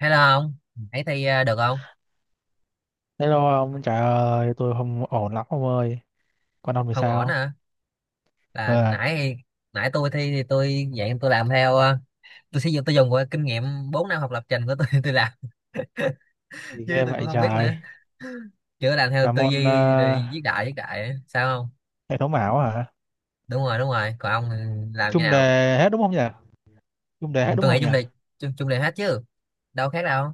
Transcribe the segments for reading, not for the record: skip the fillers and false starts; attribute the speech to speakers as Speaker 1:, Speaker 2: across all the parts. Speaker 1: Hello không? Ấy thi được không?
Speaker 2: Hello ông, trời ơi, tôi không ổn lắm ông ơi. Con ông thì
Speaker 1: Không ổn
Speaker 2: sao?
Speaker 1: à? Là
Speaker 2: Ờ,
Speaker 1: nãy nãy tôi thi thì tôi dạng tôi làm theo tôi sử dụng tôi dùng qua kinh nghiệm 4 năm học lập trình của tôi tôi làm
Speaker 2: gì
Speaker 1: chứ
Speaker 2: ghê
Speaker 1: tôi cũng
Speaker 2: vậy
Speaker 1: không biết nữa.
Speaker 2: trời?
Speaker 1: Chưa làm theo
Speaker 2: Là
Speaker 1: tư
Speaker 2: môn
Speaker 1: duy rồi viết đại á. Sao không?
Speaker 2: hệ thống ảo hả?
Speaker 1: Đúng rồi, đúng rồi. Còn ông thì làm như
Speaker 2: Chung
Speaker 1: nào?
Speaker 2: đề hết đúng không nhỉ? Chung đề hết đúng
Speaker 1: Tôi nghĩ
Speaker 2: không nhỉ?
Speaker 1: chung đề hết chứ. Đâu khác đâu.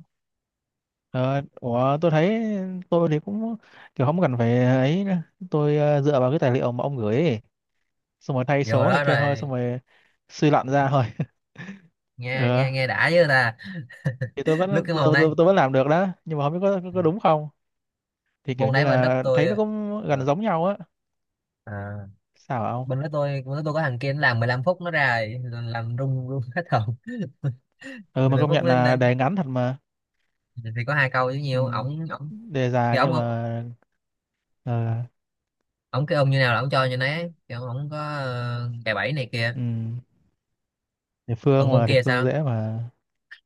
Speaker 2: Ờ, ủa, tôi thấy tôi thì cũng kiểu không cần phải ấy nữa. Tôi dựa vào cái tài liệu mà ông gửi ấy. Xong rồi thay
Speaker 1: Vừa
Speaker 2: số này
Speaker 1: đó
Speaker 2: kia thôi, xong
Speaker 1: rồi
Speaker 2: rồi suy luận ra thôi.
Speaker 1: nghe nghe
Speaker 2: Ờ,
Speaker 1: nghe đã chứ ta.
Speaker 2: thì tôi
Speaker 1: Lúc
Speaker 2: vẫn
Speaker 1: cái
Speaker 2: tôi,
Speaker 1: môn đấy,
Speaker 2: tôi, tôi vẫn làm được đó, nhưng mà không biết có đúng không? Thì kiểu
Speaker 1: môn
Speaker 2: như
Speaker 1: đấy bên lớp
Speaker 2: là
Speaker 1: tôi
Speaker 2: thấy nó cũng gần
Speaker 1: ờ,
Speaker 2: giống nhau á.
Speaker 1: à,
Speaker 2: Sao hả ông?
Speaker 1: bên đó tôi có thằng kia nó làm 15 phút nó ra rồi, làm rung rung hết hồn.
Speaker 2: Ừ mà
Speaker 1: 15
Speaker 2: công
Speaker 1: phút
Speaker 2: nhận
Speaker 1: lên
Speaker 2: là
Speaker 1: lên
Speaker 2: đề ngắn thật mà.
Speaker 1: thì có hai câu chứ
Speaker 2: Ừ.
Speaker 1: nhiều, ổng ổng
Speaker 2: Đề
Speaker 1: thì
Speaker 2: dài
Speaker 1: ổng
Speaker 2: nhưng
Speaker 1: ổng
Speaker 2: mà ờ,
Speaker 1: ổng cái ông như nào là ổng cho như nấy, thì ổng ổng có cài bẫy này kia.
Speaker 2: ừ, địa
Speaker 1: còn
Speaker 2: phương
Speaker 1: môn
Speaker 2: mà địa
Speaker 1: kia
Speaker 2: phương
Speaker 1: sao
Speaker 2: dễ mà.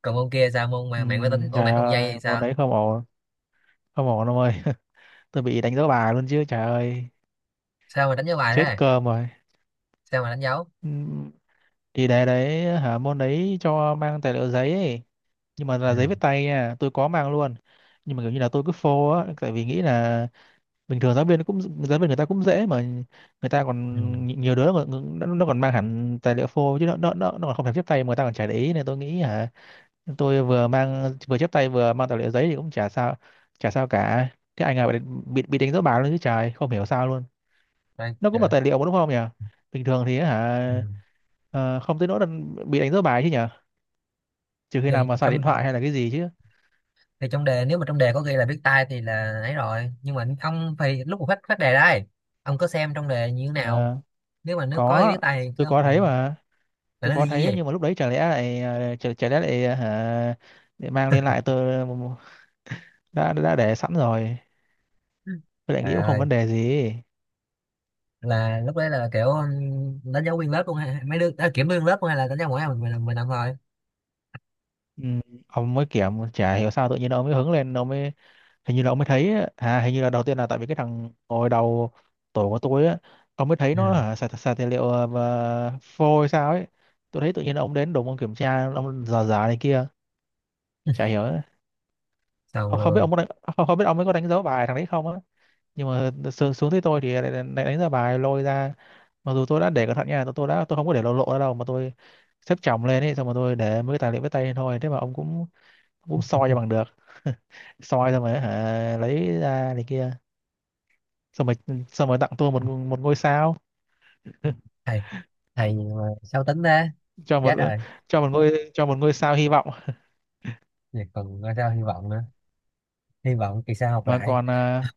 Speaker 1: còn môn kia sao, môn
Speaker 2: Ừ,
Speaker 1: mà mạng máy tính của
Speaker 2: trời
Speaker 1: mạng không dây thì
Speaker 2: ơi môn
Speaker 1: sao?
Speaker 2: đấy không ổn, không ổn đâu ơi. Tôi bị đánh dấu bài luôn chứ trời ơi,
Speaker 1: sao mà đánh dấu bài
Speaker 2: chết
Speaker 1: thế
Speaker 2: cơm rồi.
Speaker 1: sao mà đánh dấu?
Speaker 2: Ừ, thì đề đấy hả môn đấy cho mang tài liệu giấy ấy, nhưng mà là giấy viết
Speaker 1: Ừ.
Speaker 2: tay nha, tôi có mang luôn. Nhưng mà kiểu như là tôi cứ phô á, tại vì nghĩ là bình thường giáo viên cũng giáo viên người ta cũng dễ mà, người ta
Speaker 1: Ừ.
Speaker 2: còn nhiều đứa mà nó còn mang hẳn tài liệu phô chứ nó còn không thèm viết tay mà người ta còn chả để ý, nên tôi nghĩ hả tôi vừa mang vừa chép tay vừa mang tài liệu giấy thì cũng chả sao, chả sao cả. Thế anh bị bị đánh dấu báo luôn chứ trời, không hiểu sao luôn.
Speaker 1: Đây,
Speaker 2: Nó cũng là
Speaker 1: kìa.
Speaker 2: tài liệu mà đúng không nhỉ, bình thường thì á
Speaker 1: Ừ.
Speaker 2: hả, không tới nỗi là bị đánh dấu bài chứ nhỉ, trừ khi nào
Speaker 1: thì
Speaker 2: mà xài điện
Speaker 1: trong
Speaker 2: thoại hay là cái gì chứ.
Speaker 1: thì trong đề, nếu mà trong đề có ghi là viết tay thì là ấy rồi, nhưng mà ông phải lúc mà phát phát đề đây, ông có xem trong đề như thế nào.
Speaker 2: Ờ,
Speaker 1: Nếu mà nó có
Speaker 2: có,
Speaker 1: ghi tay thì cứ
Speaker 2: tôi
Speaker 1: không
Speaker 2: có thấy
Speaker 1: còn
Speaker 2: mà,
Speaker 1: phải
Speaker 2: tôi
Speaker 1: nó
Speaker 2: có
Speaker 1: ghi như
Speaker 2: thấy
Speaker 1: vậy.
Speaker 2: nhưng mà lúc đấy chả lẽ lại chả lẽ lại hả, để mang lên lại tôi đã để sẵn rồi, tôi lại
Speaker 1: Trời
Speaker 2: nghĩ cũng không
Speaker 1: ơi,
Speaker 2: vấn đề gì.
Speaker 1: là lúc đấy là kiểu đánh dấu nguyên lớp luôn hay mấy đứa, à, kiểm nguyên lớp luôn hay là đánh dấu mỗi ai mình làm thôi.
Speaker 2: Ừ, ông mới kiểm chả hiểu sao tự nhiên ông mới hứng lên ông mới, hình như là ông mới thấy á, à hình như là đầu tiên là tại vì cái thằng ngồi đầu tổ của tôi á, ông mới thấy nó
Speaker 1: Ừ.
Speaker 2: hả xài tài liệu và phôi hay sao ấy. Tôi thấy tự nhiên ông đến đồn ông kiểm tra ông dò dò này kia, chả hiểu á.
Speaker 1: Xong
Speaker 2: Ông không biết
Speaker 1: luôn.
Speaker 2: không, không biết ông mới có đánh dấu bài thằng đấy không á, nhưng mà xuống tới tôi thì lại đánh dấu bài lôi ra. Mặc dù tôi đã để cẩn thận nha, tôi đã không có để lộ lộ ra đâu mà tôi xếp chồng lên ấy, xong mà tôi để mấy cái tài liệu với tay lên thôi, thế mà ông cũng cũng soi cho bằng được. Soi xong rồi hả, lấy ra này kia, xong rồi, xong rồi tặng tôi một, một ngôi sao,
Speaker 1: Thầy thầy mà sao tính thế?
Speaker 2: cho một,
Speaker 1: Chết rồi.
Speaker 2: cho một ngôi, cho một ngôi sao hy vọng.
Speaker 1: Vậy còn coi sao, hy vọng nữa, hy vọng kỳ sau học
Speaker 2: Mà
Speaker 1: lại.
Speaker 2: còn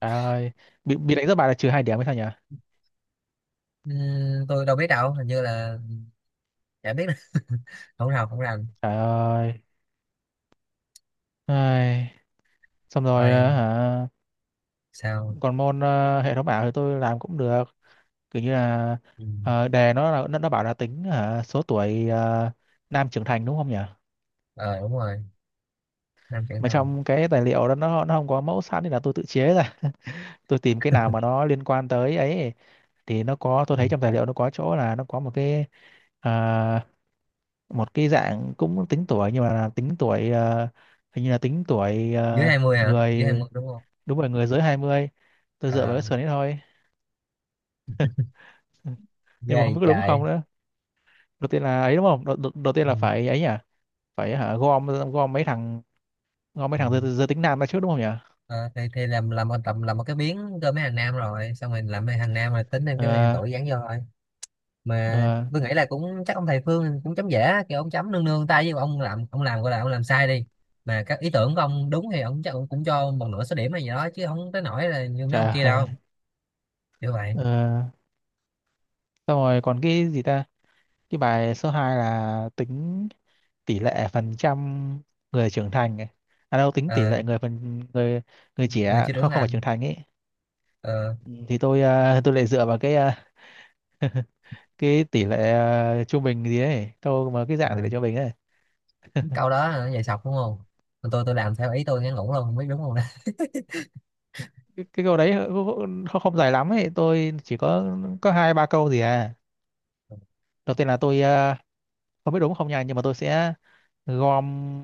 Speaker 2: trời ơi, bị đánh rất bài là trừ 2 điểm hay sao nhỉ,
Speaker 1: Tôi đâu biết đâu, hình như là chả biết nữa. Không học không làm
Speaker 2: trời ơi. Ai, xong rồi
Speaker 1: thôi.
Speaker 2: hả?
Speaker 1: Sao?
Speaker 2: Còn môn hệ thống ảo thì tôi làm cũng được, kiểu như là
Speaker 1: Ừ.
Speaker 2: đề nó là nó bảo là tính hả số tuổi nam trưởng thành đúng không nhỉ.
Speaker 1: Ờ đúng rồi, năm trưởng
Speaker 2: Mà
Speaker 1: thành.
Speaker 2: trong cái tài liệu đó nó không có mẫu sẵn nên là tôi tự chế ra. Tôi tìm cái nào mà nó liên quan tới ấy, thì nó có, tôi
Speaker 1: Ừ.
Speaker 2: thấy trong tài liệu nó có chỗ là nó có một cái à, một cái dạng cũng tính tuổi, nhưng mà là tính tuổi hình như là tính tuổi
Speaker 1: Dưới 20 hả, dưới
Speaker 2: người,
Speaker 1: 20 đúng không?
Speaker 2: đúng rồi người dưới 20. Tôi dựa vào
Speaker 1: Ờ,
Speaker 2: cái sườn ấy thôi. Ừ, nhưng mà không
Speaker 1: ghê
Speaker 2: biết có đúng không
Speaker 1: chạy.
Speaker 2: nữa. Đầu tiên là ấy đúng không, đầu tiên
Speaker 1: Ừ.
Speaker 2: là phải ấy nhỉ, phải hả gom, gom mấy thằng, gom mấy
Speaker 1: Ừ.
Speaker 2: thằng giới tính nam ra trước đúng không nhỉ?
Speaker 1: Ờ, thì làm một tầm, làm một cái miếng cơm mấy hàng nam, rồi xong rồi làm mấy hàng nam rồi tính thêm cái hàng
Speaker 2: Ờ,
Speaker 1: tuổi dán vô thôi. Mà
Speaker 2: ờ,
Speaker 1: tôi nghĩ là cũng chắc ông thầy Phương cũng chấm dễ, kiểu ông chấm nương nương tay với ông làm, ông làm gọi là ông làm sai đi mà các ý tưởng của ông đúng thì ông chắc ông cũng cho một nửa số điểm hay gì đó, chứ không tới nỗi là như mấy ông
Speaker 2: trời
Speaker 1: kia
Speaker 2: ơi.
Speaker 1: đâu. Như vậy.
Speaker 2: Ờ, xong rồi còn cái gì ta, cái bài số 2 là tính tỷ lệ phần trăm người trưởng thành ấy. À đâu, tính tỷ
Speaker 1: Ờ,
Speaker 2: lệ người phần người, người
Speaker 1: người
Speaker 2: trẻ
Speaker 1: chưa trưởng
Speaker 2: không, không phải
Speaker 1: thành.
Speaker 2: trưởng thành ấy.
Speaker 1: Ờ,
Speaker 2: Ừ, thì tôi tôi lại dựa vào cái cái tỷ lệ trung bình gì ấy, câu mà cái
Speaker 1: ờ,
Speaker 2: dạng tỷ lệ trung bình ấy.
Speaker 1: câu đó là nó sọc đúng không? Còn tôi làm theo ý tôi ngắn ngủn luôn, không biết đúng không đó.
Speaker 2: Cái câu đấy không không dài lắm ấy, tôi chỉ có hai ba câu gì à. Đầu tiên là tôi không biết đúng không nha, nhưng mà tôi sẽ gom,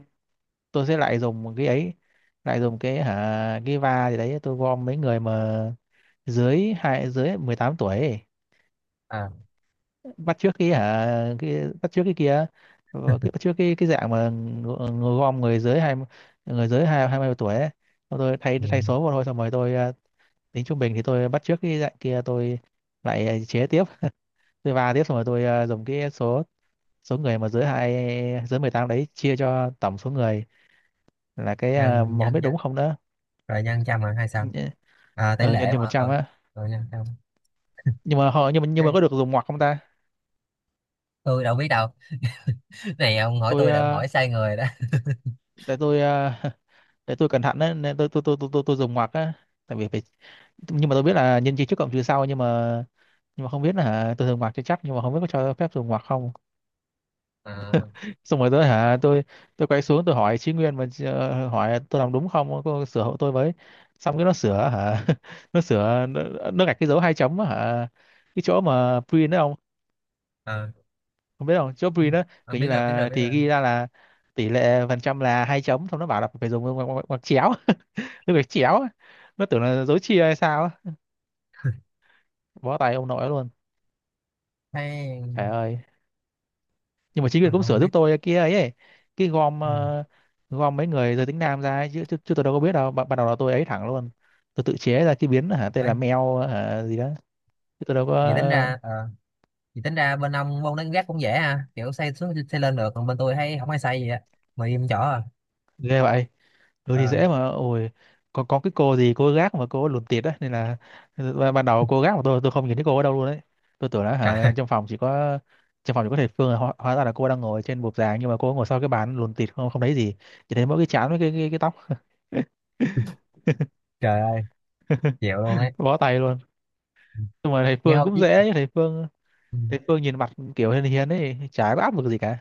Speaker 2: tôi sẽ lại dùng một cái ấy, lại dùng cái hả cái va gì đấy, tôi gom mấy người mà dưới 18 tuổi ấy.
Speaker 1: À,
Speaker 2: Bắt chước cái hả, cái bắt chước cái kia, cái bắt chước cái dạng mà gom người dưới hai 20 tuổi ấy. Xong tôi thay
Speaker 1: ừ.
Speaker 2: thay số vào thôi, xong rồi tôi tính trung bình thì tôi bắt chước cái dạng kia, tôi lại chế tiếp, tôi va tiếp, xong rồi tôi dùng cái số, số người mà dưới 18 đấy chia cho tổng số người, là cái
Speaker 1: Nhân
Speaker 2: mà không
Speaker 1: nhân
Speaker 2: biết đúng
Speaker 1: nhân
Speaker 2: không nữa.
Speaker 1: rồi nhân trăm là hay sao? À, tỷ
Speaker 2: Ở nhân
Speaker 1: lệ
Speaker 2: cho một
Speaker 1: mà,
Speaker 2: trăm
Speaker 1: rồi,
Speaker 2: á.
Speaker 1: rồi nhân trăm.
Speaker 2: Nhưng mà họ, nhưng mà
Speaker 1: Cái-
Speaker 2: có được dùng ngoặc không ta.
Speaker 1: tôi đâu biết đâu. Này ông hỏi
Speaker 2: Tôi
Speaker 1: tôi là ông hỏi sai người đó.
Speaker 2: tại tôi để tôi cẩn thận đấy nên tôi dùng ngoặc á, tại vì phải, nhưng mà tôi biết là nhân chia trước cộng trừ sau, nhưng mà không biết là hả tôi dùng ngoặc cho chắc nhưng mà không biết có cho phép dùng ngoặc không.
Speaker 1: À,
Speaker 2: Xong rồi tôi tôi quay xuống tôi hỏi Chí Nguyên mà hỏi tôi làm đúng không cô sửa hộ tôi với. Xong cái nó sửa hả, nó sửa nó, nó gạch cái dấu hai chấm á hả, cái chỗ mà print đó không,
Speaker 1: à.
Speaker 2: không biết không chỗ print đó.
Speaker 1: Ông
Speaker 2: Kiểu như
Speaker 1: biết rồi biết rồi
Speaker 2: là
Speaker 1: biết
Speaker 2: thì
Speaker 1: rồi
Speaker 2: ghi ra là tỷ lệ phần trăm là hai chấm, xong nó bảo là phải dùng ngoặc chéo. Tôi phải chéo á, nó tưởng là dấu chia hay sao á, bó tay ông nội luôn.
Speaker 1: Thấy
Speaker 2: Trời ơi, nhưng mà chính quyền
Speaker 1: mà
Speaker 2: cũng
Speaker 1: còn không
Speaker 2: sửa
Speaker 1: biết.
Speaker 2: giúp tôi kia ấy, ấy. Cái gom
Speaker 1: Ừ.
Speaker 2: gom mấy người giới tính nam ra ấy, chứ tôi đâu có biết đâu, ban ban đầu là tôi ấy thẳng luôn. Tôi tự chế ra cái biến hả tên là
Speaker 1: Ấy,
Speaker 2: mèo hả gì đó, chứ tôi đâu có.
Speaker 1: vậy tính ra vậy tính ra bên ông môn đánh gác cũng dễ ha, kiểu xây xuống xây lên được, còn bên tôi thấy không ai xây gì á, mà im chỗ à.
Speaker 2: Ghê vậy. Ừ thì
Speaker 1: Ờ.
Speaker 2: dễ mà ôi, có cái cô gì cô gác mà cô lùn tịt á, nên là ban ban đầu cô gác mà tôi không nhìn thấy cô ở đâu luôn đấy. Tôi tưởng là
Speaker 1: Trời
Speaker 2: hả
Speaker 1: ơi,
Speaker 2: trong phòng chỉ có, trong phòng chỉ có thầy Phương, hóa ra là cô đang ngồi trên bục giảng nhưng mà cô ngồi sau cái bàn lùn tịt không không thấy gì, chỉ thấy mỗi cái trán với cái tóc.
Speaker 1: trời ơi, chịu luôn ấy.
Speaker 2: Bó tay luôn.
Speaker 1: Ừ.
Speaker 2: Nhưng mà thầy
Speaker 1: Nghe
Speaker 2: Phương
Speaker 1: hồi
Speaker 2: cũng
Speaker 1: chứ.
Speaker 2: dễ ấy, thầy Phương,
Speaker 1: Ừ.
Speaker 2: thầy Phương nhìn mặt kiểu hiền hiền ấy chả có áp lực gì cả.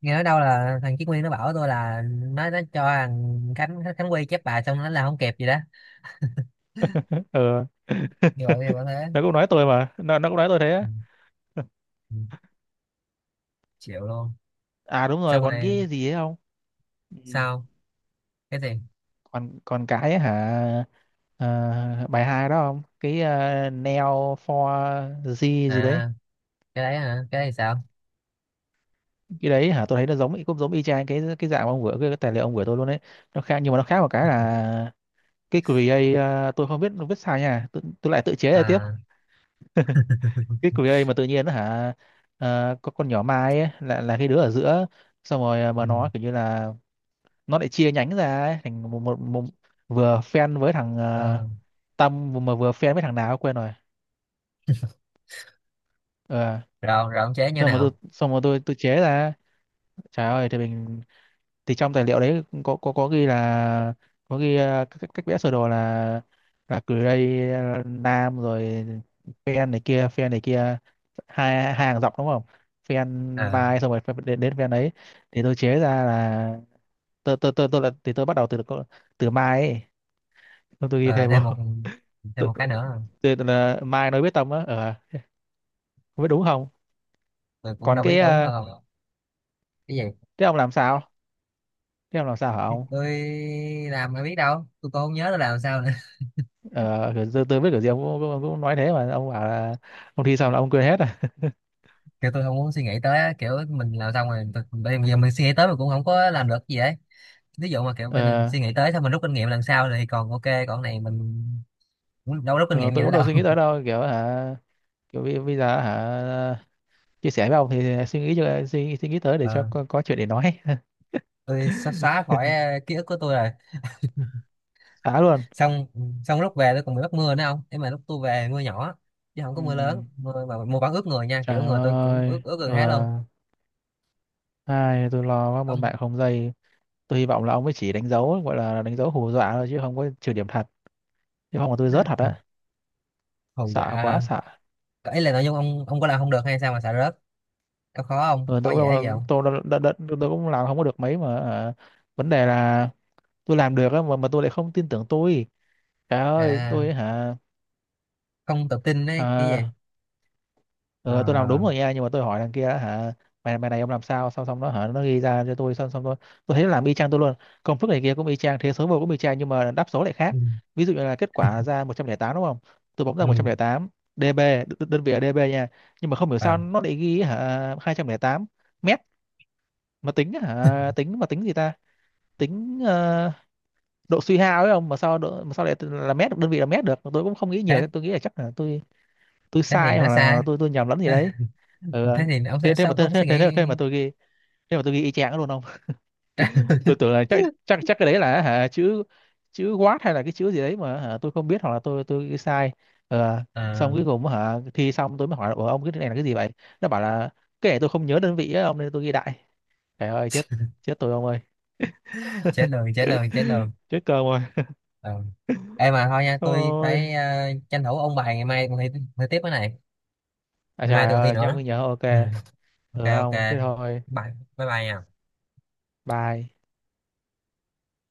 Speaker 1: Nghe nói đâu là thằng Chí Nguyên nó bảo tôi là nó cho thằng Khánh Khánh Quy chép bài xong nó là không kịp gì đó.
Speaker 2: Ờ,
Speaker 1: Như vậy, như vậy thế.
Speaker 2: nó cũng nói tôi mà nó cũng nói tôi thế
Speaker 1: Ừ,
Speaker 2: á.
Speaker 1: ừ, chịu luôn.
Speaker 2: À đúng rồi,
Speaker 1: Xong
Speaker 2: còn
Speaker 1: rồi.
Speaker 2: cái gì ấy không? Ừ,
Speaker 1: Sao? Cái gì?
Speaker 2: còn còn cái ấy hả, bài hai đó không, cái Neo for G gì đấy.
Speaker 1: À, cái đấy hả, cái đấy sao?
Speaker 2: Cái đấy hả, tôi thấy nó giống cũng giống y chang cái dạng mà ông vừa cái tài liệu ông gửi tôi luôn đấy. Nó khác nhưng mà nó khác một cái là cái create tôi không biết nó viết sao nha, tôi lại tự chế ra tiếp.
Speaker 1: À.
Speaker 2: Cái create mà tự nhiên á hả, có con nhỏ Mai ấy, là cái đứa ở giữa. Xong rồi
Speaker 1: Ừ,
Speaker 2: mà nó kiểu như là nó lại chia nhánh ra ấy, thành một vừa fan với thằng
Speaker 1: ờ,
Speaker 2: Tâm, mà vừa fan với thằng nào quên rồi. Ờ,
Speaker 1: rồi rồi ông chế như
Speaker 2: xong mà tôi,
Speaker 1: nào?
Speaker 2: xong mà tôi chế ra. Trời ơi thì mình, thì trong tài liệu đấy có có ghi là, có ghi các cách cách vẽ sơ đồ là gray nam rồi, phen này kia phen này kia, hai, hai hàng dọc đúng không, phen
Speaker 1: À
Speaker 2: mai xong rồi phen đến, đến phen ấy. Thì tôi chế ra là tôi là thì tôi bắt đầu từ từ mai ấy, tôi ghi
Speaker 1: rồi là
Speaker 2: thêm
Speaker 1: thêm một,
Speaker 2: vào.
Speaker 1: thêm
Speaker 2: tôi,
Speaker 1: một cái nữa à?
Speaker 2: là mai nói biết tâm á. Ờ, không biết đúng không.
Speaker 1: Tôi cũng
Speaker 2: Còn
Speaker 1: đâu biết
Speaker 2: cái
Speaker 1: đúng không. Cái gì?
Speaker 2: thế ông làm sao, thế ông làm sao hả ông?
Speaker 1: Tôi làm ai biết đâu, tôi cũng không nhớ tôi làm sao nữa.
Speaker 2: Ờ kiểu tôi biết kiểu gì ông cũng nói thế mà ông bảo là ông thi xong là ông quên hết.
Speaker 1: Kiểu tôi không muốn suy nghĩ tới á, kiểu mình làm xong rồi tôi- bây giờ mình suy nghĩ tới mình cũng không có làm được gì ấy. Ví dụ mà kiểu mình
Speaker 2: Ờ,
Speaker 1: suy nghĩ tới xong mình rút kinh nghiệm lần sau thì còn ok, còn cái này mình cũng đâu có rút kinh
Speaker 2: ờ,
Speaker 1: nghiệm gì
Speaker 2: tôi
Speaker 1: nữa
Speaker 2: cũng đâu
Speaker 1: đâu.
Speaker 2: suy nghĩ tới đâu, kiểu hả, kiểu bây bây giờ hả, chia sẻ với ông thì suy nghĩ cho suy nghĩ tới để cho
Speaker 1: Ờ,
Speaker 2: có chuyện để nói.
Speaker 1: tôi sắp xóa khỏi ký ức của tôi rồi.
Speaker 2: Xả luôn.
Speaker 1: Xong xong lúc về tôi còn bị bắt mưa nữa không, nhưng mà lúc tôi về mưa nhỏ chứ không có mưa lớn,
Speaker 2: Ừm,
Speaker 1: mưa mà mưa vẫn ướt người nha,
Speaker 2: trời
Speaker 1: kiểu người tôi cũng ướt
Speaker 2: ơi
Speaker 1: ướt gần hết luôn.
Speaker 2: ai tôi lo quá một
Speaker 1: Ông
Speaker 2: mạng không dây. Tôi hy vọng là ông ấy chỉ đánh dấu gọi là đánh dấu hù dọa thôi chứ không có trừ điểm thật, chứ không là tôi rớt thật
Speaker 1: hù
Speaker 2: á.
Speaker 1: hù dạ
Speaker 2: Sợ quá
Speaker 1: hả?
Speaker 2: sợ.
Speaker 1: Ấy là nội dung ông có làm không được hay sao mà sợ rớt? Có khó không,
Speaker 2: Ờ,
Speaker 1: có
Speaker 2: tôi cũng
Speaker 1: dễ gì
Speaker 2: đâu
Speaker 1: không?
Speaker 2: tôi, đâu- đ, đ, tôi cũng làm không có được mấy mà hả? Vấn đề là tôi làm được á, mà tôi lại không tin tưởng tôi. Trời ơi
Speaker 1: À
Speaker 2: tôi hả,
Speaker 1: không tự tin đấy, cái gì?
Speaker 2: à, ừ, tôi làm đúng
Speaker 1: À,
Speaker 2: rồi nha, nhưng mà tôi hỏi thằng kia đó, hả, mày mày này, ông làm sao, xong xong nó hả nó ghi ra cho tôi, xong xong tôi thấy nó làm y chang tôi luôn, công thức này kia cũng y chang, thế số vô cũng y chang, nhưng mà đáp số lại
Speaker 1: ừ,
Speaker 2: khác. Ví dụ như là kết quả ra 108 đúng không, tôi bấm ra một trăm
Speaker 1: ừ.
Speaker 2: lẻ tám dB, đơn vị là dB nha, nhưng mà không hiểu
Speaker 1: Ờ,
Speaker 2: sao nó lại ghi hả 208 mét. Mà tính hả, tính gì ta, tính độ suy hao ấy không, mà sao lại là mét, đơn vị là mét được, tôi cũng không nghĩ
Speaker 1: thế,
Speaker 2: nhiều, tôi nghĩ là chắc là tôi
Speaker 1: thế thì
Speaker 2: sai,
Speaker 1: nó
Speaker 2: hoặc là,
Speaker 1: sai.
Speaker 2: tôi nhầm lẫn gì
Speaker 1: Thế,
Speaker 2: đấy. Ừ, ừ.
Speaker 1: thế thì ông
Speaker 2: Thế
Speaker 1: sẽ
Speaker 2: thế mà
Speaker 1: sao,
Speaker 2: thế
Speaker 1: ông
Speaker 2: thế
Speaker 1: suy
Speaker 2: thế,
Speaker 1: nghĩ?
Speaker 2: thế mà tôi ghi thế mà tôi ghi y chang luôn không. Tôi tưởng là chắc chắc chắc cái đấy là hả chữ, chữ watt hay là cái chữ gì đấy mà hả, tôi không biết, hoặc là tôi ghi sai. Ờ, xong
Speaker 1: À,
Speaker 2: cuối cùng hả thi xong tôi mới hỏi là, "Ủa, ông cái này là cái gì vậy?" Nó bảo là cái này tôi không nhớ đơn vị á ông, nên tôi ghi đại. Trời ơi chết, chết tôi ông ơi,
Speaker 1: trả lời trả lời trả lời.
Speaker 2: chết cơm rồi.
Speaker 1: Ừ. Ê mà thôi nha, tôi
Speaker 2: Thôi,
Speaker 1: phải tranh thủ ôn bài, ngày mai còn thi, thi tiếp cái này.
Speaker 2: à
Speaker 1: Ngày mai
Speaker 2: trời
Speaker 1: tôi còn thi
Speaker 2: ơi nhắc
Speaker 1: nữa.
Speaker 2: mới nhớ, ok,
Speaker 1: Ừ. Ok,
Speaker 2: được
Speaker 1: ok.
Speaker 2: không, thế thôi
Speaker 1: Bye, bye bye nha.
Speaker 2: bye.